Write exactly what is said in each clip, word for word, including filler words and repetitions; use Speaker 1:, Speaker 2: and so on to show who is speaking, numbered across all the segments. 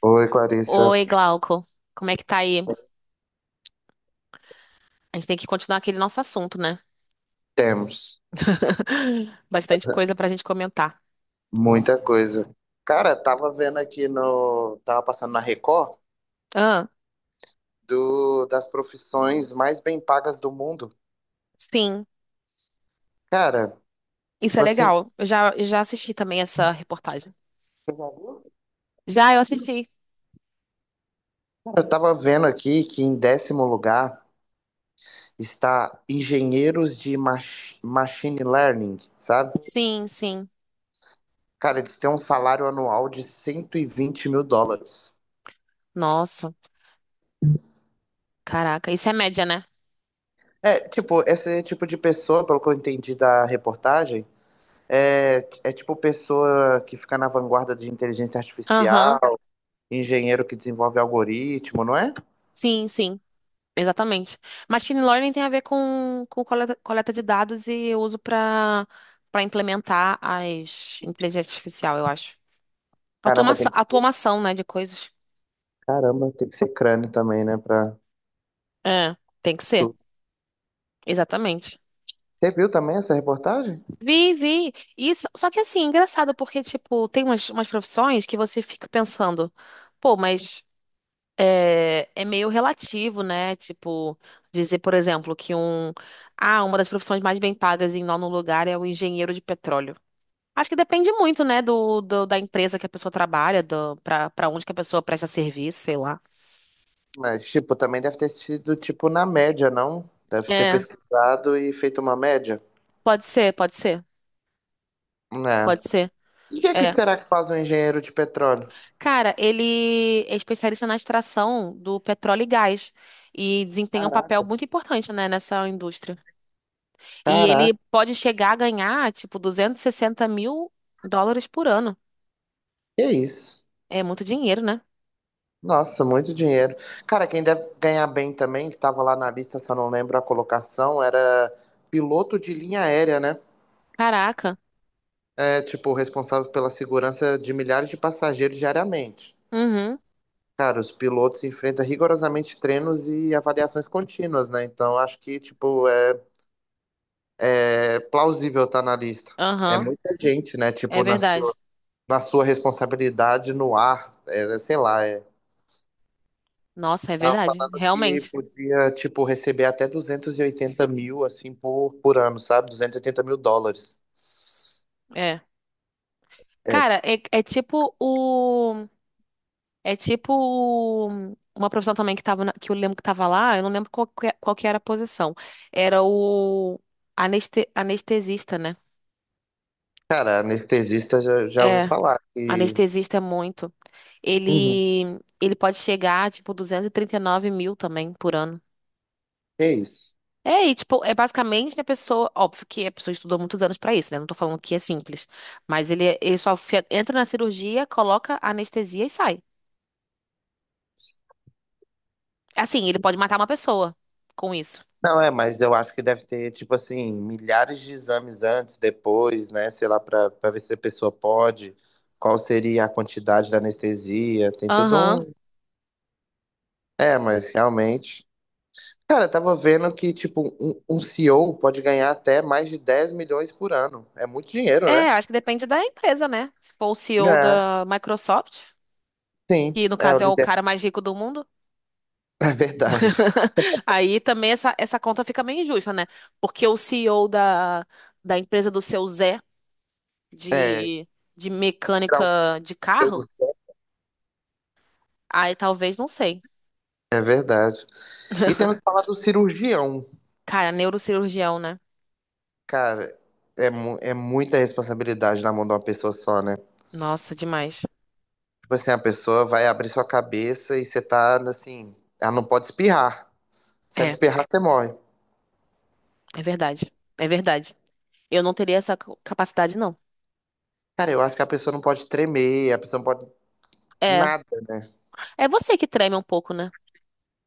Speaker 1: Oi, Clarissa.
Speaker 2: Oi, Glauco. Como é que tá aí? A gente tem que continuar aquele nosso assunto, né?
Speaker 1: Temos
Speaker 2: Bastante coisa pra gente comentar.
Speaker 1: muita coisa. Cara, tava vendo aqui no. Tava passando na Record
Speaker 2: Ah,
Speaker 1: do... das profissões mais bem pagas do mundo.
Speaker 2: sim.
Speaker 1: Cara,
Speaker 2: Isso é
Speaker 1: tipo assim,
Speaker 2: legal. Eu já, eu já assisti também essa reportagem. Já eu assisti.
Speaker 1: eu tava vendo aqui que em décimo lugar está engenheiros de mach... machine learning, sabe?
Speaker 2: Sim, sim.
Speaker 1: Cara, eles têm um salário anual de cento e vinte mil dólares.
Speaker 2: Nossa, caraca. Isso é média, né?
Speaker 1: É, tipo, esse tipo de pessoa, pelo que eu entendi da reportagem. É, é tipo pessoa que fica na vanguarda de inteligência artificial,
Speaker 2: Aham.
Speaker 1: engenheiro que desenvolve algoritmo, não é?
Speaker 2: Sim, sim. Exatamente. Machine learning tem a ver com, com coleta, coleta de dados e uso pra para implementar as inteligência artificial, eu acho.
Speaker 1: Caramba, tem
Speaker 2: Automação,
Speaker 1: que,
Speaker 2: automação, né, de coisas.
Speaker 1: caramba, tem que ser crânio também, né? Pra
Speaker 2: É, tem que ser.
Speaker 1: estudar.
Speaker 2: Exatamente.
Speaker 1: Você viu também essa reportagem?
Speaker 2: Vi, vi. Isso, só que assim, engraçado, porque, tipo, tem umas, umas profissões que você fica pensando, pô, mas é, é meio relativo, né? Tipo, dizer, por exemplo, que um, ah, uma das profissões mais bem pagas em nono lugar é o engenheiro de petróleo. Acho que depende muito, né, do, do- da empresa que a pessoa trabalha, do, pra, pra onde que a pessoa presta serviço, sei lá.
Speaker 1: Mas, tipo, também deve ter sido, tipo, na média, não? Deve ter
Speaker 2: É,
Speaker 1: pesquisado e feito uma média.
Speaker 2: pode ser, pode ser,
Speaker 1: Né?
Speaker 2: pode ser.
Speaker 1: E o que é que
Speaker 2: É,
Speaker 1: será que faz um engenheiro de petróleo?
Speaker 2: cara, ele é especialista na extração do petróleo e gás e desempenha um papel
Speaker 1: Caraca.
Speaker 2: muito importante, né, nessa indústria. E ele
Speaker 1: Caraca,
Speaker 2: pode chegar a ganhar, tipo, duzentos e sessenta mil dólares por ano.
Speaker 1: que é isso?
Speaker 2: É muito dinheiro, né?
Speaker 1: Nossa, muito dinheiro. Cara, quem deve ganhar bem também, que estava lá na lista, só não lembro a colocação, era piloto de linha aérea, né?
Speaker 2: Caraca.
Speaker 1: É, tipo, responsável pela segurança de milhares de passageiros diariamente.
Speaker 2: Uhum.
Speaker 1: Cara, os pilotos enfrentam rigorosamente treinos e avaliações contínuas, né? Então, acho que, tipo, é, é plausível estar na lista. É
Speaker 2: Aham.
Speaker 1: muita gente, né?
Speaker 2: É
Speaker 1: Tipo, na
Speaker 2: verdade.
Speaker 1: sua, na sua responsabilidade no ar, é, sei lá, é
Speaker 2: Nossa, é
Speaker 1: Tava
Speaker 2: verdade.
Speaker 1: falando que
Speaker 2: Realmente.
Speaker 1: podia, tipo, receber até duzentos e oitenta mil, assim, por, por, ano, sabe? Duzentos e oitenta mil dólares.
Speaker 2: É.
Speaker 1: É,
Speaker 2: Cara, é, é tipo o. É tipo uma profissão também que tava na- que eu lembro que tava lá, eu não lembro qual que, é- qual que era a posição. Era o aneste- anestesista, né?
Speaker 1: cara, anestesista já, já ouvi
Speaker 2: É,
Speaker 1: falar que...
Speaker 2: anestesista é muito.
Speaker 1: Uhum.
Speaker 2: Ele ele pode chegar a, tipo, duzentos e trinta e nove mil também por ano.
Speaker 1: É isso.
Speaker 2: É, e tipo, é basicamente a pessoa, óbvio que a pessoa estudou muitos anos pra isso, né? Não tô falando que é simples, mas ele ele só fe- entra na cirurgia, coloca a anestesia e sai. Assim, ele pode matar uma pessoa com isso.
Speaker 1: Não, é, mas eu acho que deve ter, tipo assim, milhares de exames antes, depois, né? Sei lá, pra, pra ver se a pessoa pode, qual seria a quantidade da anestesia, tem tudo
Speaker 2: Aham.
Speaker 1: um... É, mas realmente... Cara, eu tava vendo que, tipo, um, um C E O pode ganhar até mais de dez milhões por ano. É muito dinheiro, né?
Speaker 2: É, acho que depende da empresa, né? Se for o C E O
Speaker 1: É,
Speaker 2: da Microsoft,
Speaker 1: sim.
Speaker 2: que no
Speaker 1: É, o
Speaker 2: caso é o
Speaker 1: líder.
Speaker 2: cara mais rico do mundo,
Speaker 1: É verdade.
Speaker 2: aí também essa, essa conta fica meio injusta, né? Porque o C E O da, da empresa do seu Zé
Speaker 1: É,
Speaker 2: de, de
Speaker 1: tirar
Speaker 2: mecânica
Speaker 1: um
Speaker 2: de carro,
Speaker 1: C E O.
Speaker 2: aí talvez, não sei.
Speaker 1: É verdade. E temos que falar do cirurgião.
Speaker 2: Cara, neurocirurgião, né?
Speaker 1: Cara, é, mu- é muita responsabilidade na mão de uma pessoa só, né?
Speaker 2: Nossa, demais.
Speaker 1: Tipo assim, a pessoa vai abrir sua cabeça e você tá, assim, ela não pode espirrar. Se ela
Speaker 2: É,
Speaker 1: espirrar, você morre.
Speaker 2: é verdade. É verdade. Eu não teria essa capacidade, não.
Speaker 1: Cara, eu acho que a pessoa não pode tremer, a pessoa não pode
Speaker 2: É,
Speaker 1: nada, né?
Speaker 2: é você que treme um pouco, né?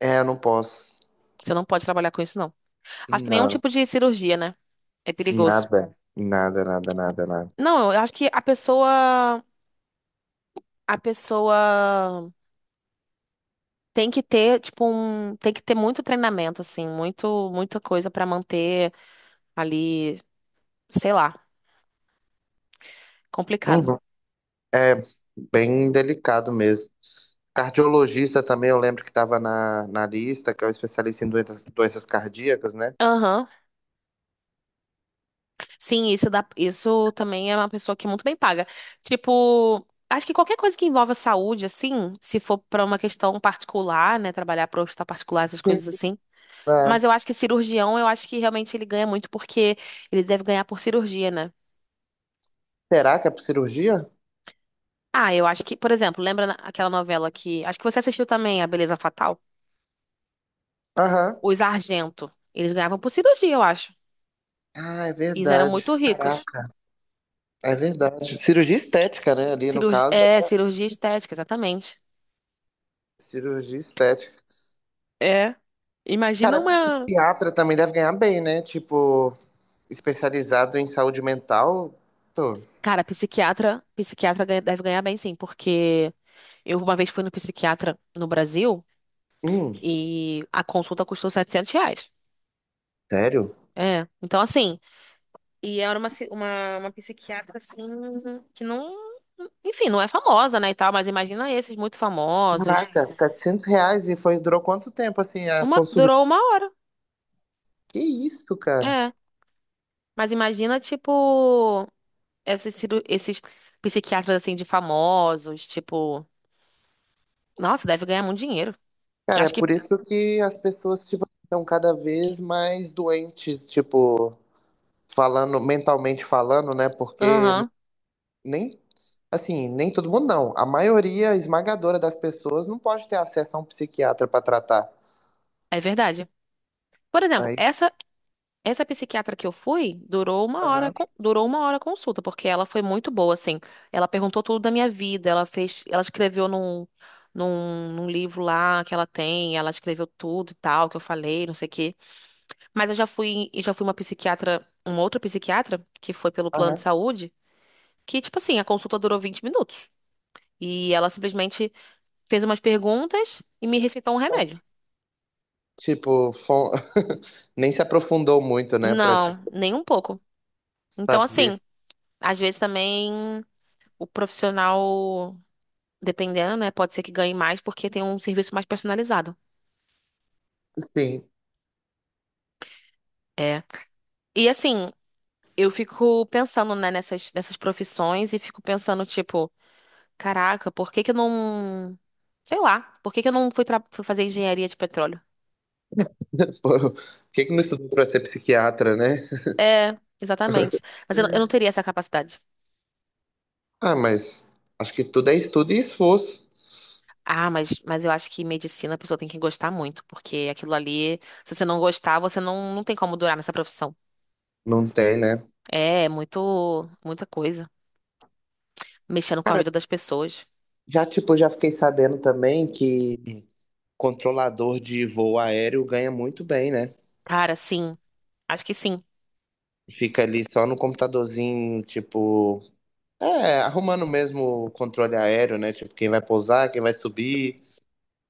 Speaker 1: É, eu não posso.
Speaker 2: Você não pode trabalhar com isso, não. Acho que nenhum
Speaker 1: Não.
Speaker 2: tipo de cirurgia, né? É perigoso.
Speaker 1: Nada, nada, nada, nada, nada.
Speaker 2: Não, eu acho que a pessoa, a pessoa tem que ter, tipo, um, tem que ter muito treinamento, assim, muito, muita coisa pra manter ali, sei lá, complicado.
Speaker 1: Uhum. É bem delicado mesmo. Cardiologista também, eu lembro que estava na, na lista, que é o especialista em doenças, doenças cardíacas, né?
Speaker 2: Aham. Sim, isso dá, isso também é uma pessoa que é muito bem paga. Tipo, acho que qualquer coisa que envolva saúde, assim, se for pra uma questão particular, né, trabalhar para hospital particular, essas
Speaker 1: Sim.
Speaker 2: coisas assim.
Speaker 1: Ah,
Speaker 2: Mas eu acho que cirurgião, eu acho que realmente ele ganha muito porque ele deve ganhar por cirurgia, né?
Speaker 1: será que é por cirurgia?
Speaker 2: Ah, eu acho que, por exemplo, lembra na- aquela novela que. Acho que você assistiu também, A Beleza Fatal?
Speaker 1: Aham.
Speaker 2: Os Argento. Eles ganhavam por cirurgia, eu acho.
Speaker 1: Ah, é
Speaker 2: Eles eram
Speaker 1: verdade.
Speaker 2: muito ricos.
Speaker 1: Caraca, é verdade. Cirurgia estética, né? Ali no
Speaker 2: Cirurgi...
Speaker 1: caso,
Speaker 2: É, cirurgia estética, exatamente.
Speaker 1: cirurgia estética.
Speaker 2: É. Imagina
Speaker 1: Cara,
Speaker 2: uma.
Speaker 1: psiquiatra também deve ganhar bem, né? Tipo, especializado em saúde mental. Pô,
Speaker 2: Cara, psiquiatra, psiquiatra, ganha- deve ganhar bem, sim, porque eu uma vez fui no psiquiatra no Brasil
Speaker 1: hum,
Speaker 2: e a consulta custou setecentos reais.
Speaker 1: sério?
Speaker 2: É. Então, assim. E era uma, ci- uma, uma psiquiatra, assim, que não... Enfim, não é famosa, né, e tal, mas imagina esses muito famosos.
Speaker 1: Caraca, setecentos reais e foi, durou quanto tempo assim a
Speaker 2: Uma,
Speaker 1: consulta?
Speaker 2: durou uma hora,
Speaker 1: Que isso, cara?
Speaker 2: é. Mas imagina, tipo, esses, ciru- esses psiquiatras, assim, de famosos, tipo... Nossa, deve ganhar muito dinheiro.
Speaker 1: Cara, é
Speaker 2: Acho que...
Speaker 1: por isso que as pessoas, tipo, estão cada vez mais doentes, tipo, falando, mentalmente falando, né? Porque n-
Speaker 2: Aham,
Speaker 1: nem, assim, nem todo mundo não. A maioria esmagadora das pessoas não pode ter acesso a um psiquiatra pra tratar.
Speaker 2: é verdade. Por exemplo,
Speaker 1: Aí,
Speaker 2: essa Essa psiquiatra que eu fui durou uma hora,
Speaker 1: aham,
Speaker 2: con- durou uma hora a consulta, porque ela foi muito boa, assim. Ela perguntou tudo da minha vida, ela fez, ela escreveu num, num, num livro lá que ela tem, ela escreveu tudo e tal, que eu falei, não sei o quê. Mas eu já fui, eu já fui uma psiquiatra, uma outra psiquiatra, que foi pelo plano de
Speaker 1: aham.
Speaker 2: saúde, que, tipo assim, a consulta durou vinte minutos. E ela simplesmente fez umas perguntas e me receitou um
Speaker 1: Aham.
Speaker 2: remédio.
Speaker 1: Tipo, fo- nem se aprofundou muito, né, pra tipo,
Speaker 2: Não, nem um pouco. Então,
Speaker 1: saber.
Speaker 2: assim, às vezes também o profissional. Dependendo, né? Pode ser que ganhe mais porque tem um serviço mais personalizado.
Speaker 1: Sim.
Speaker 2: É. E assim, eu fico pensando, né, nessas, nessas profissões e fico pensando, tipo, caraca, por que que eu não. Sei lá, por que que eu não fui, tra- fui fazer engenharia de petróleo?
Speaker 1: Por que que não estudou para ser psiquiatra, né?
Speaker 2: É, exatamente. Mas eu, não- eu não teria essa capacidade.
Speaker 1: Ah, mas acho que tudo é estudo e esforço.
Speaker 2: Ah, mas, mas eu acho que medicina a pessoa tem que gostar muito, porque aquilo ali, se você não gostar, você não, não tem como durar nessa profissão.
Speaker 1: Não tem, né?
Speaker 2: É, é muito, muita coisa. Mexendo com a vida das pessoas.
Speaker 1: Já, tipo, já fiquei sabendo também que controlador de voo aéreo ganha muito bem, né?
Speaker 2: Cara, sim, acho que sim.
Speaker 1: Fica ali só no computadorzinho, tipo, é, arrumando mesmo o controle aéreo, né? Tipo, quem vai pousar, quem vai subir,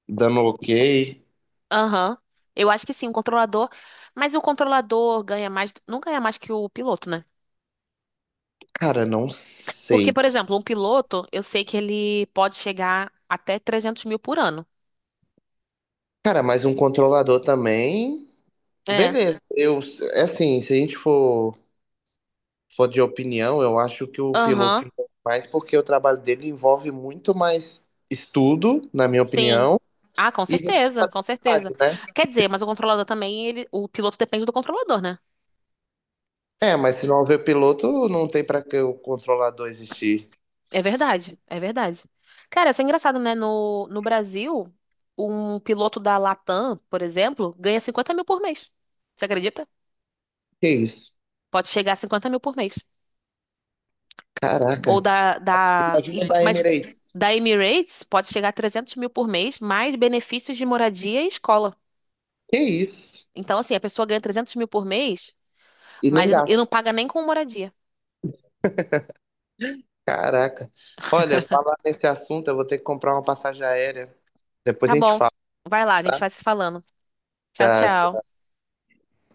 Speaker 1: dando OK.
Speaker 2: Aham. Eu acho que sim, o controlador. Mas o controlador ganha mais. Não ganha mais que o piloto, né?
Speaker 1: Cara, não
Speaker 2: Porque,
Speaker 1: sei.
Speaker 2: por exemplo, um piloto, eu sei que ele pode chegar até trezentos mil por ano.
Speaker 1: Cara, mas um controlador também,
Speaker 2: É.
Speaker 1: beleza. Eu, é assim, se a gente for for de opinião, eu acho que o piloto
Speaker 2: Aham.
Speaker 1: envolve mais porque o trabalho dele envolve muito mais estudo, na minha
Speaker 2: Sim.
Speaker 1: opinião,
Speaker 2: Ah, com
Speaker 1: e
Speaker 2: certeza, com certeza.
Speaker 1: responsabilidade, né?
Speaker 2: Quer dizer, mas o controlador também, ele, o piloto depende do controlador, né?
Speaker 1: É, mas se não houver piloto, não tem para que o controlador existir.
Speaker 2: É verdade, é verdade. Cara, isso é engraçado, né? No, no Brasil, um piloto da Latam, por exemplo, ganha cinquenta mil por mês. Você acredita?
Speaker 1: Que isso?
Speaker 2: Pode chegar a cinquenta mil por mês.
Speaker 1: Caraca.
Speaker 2: Ou da, da, e-
Speaker 1: Imagina da
Speaker 2: mas
Speaker 1: Emirates.
Speaker 2: da Emirates pode chegar a trezentos mil por mês, mais benefícios de moradia e escola.
Speaker 1: Que isso?
Speaker 2: Então, assim, a pessoa ganha trezentos mil por mês,
Speaker 1: E nem
Speaker 2: mas e não e não
Speaker 1: gasto.
Speaker 2: paga nem com moradia.
Speaker 1: Caraca. Olha, falar nesse assunto, eu vou ter que comprar uma passagem aérea. Depois
Speaker 2: Tá
Speaker 1: a gente
Speaker 2: bom.
Speaker 1: fala.
Speaker 2: Vai lá, a gente vai se falando. Tchau,
Speaker 1: Já
Speaker 2: tchau.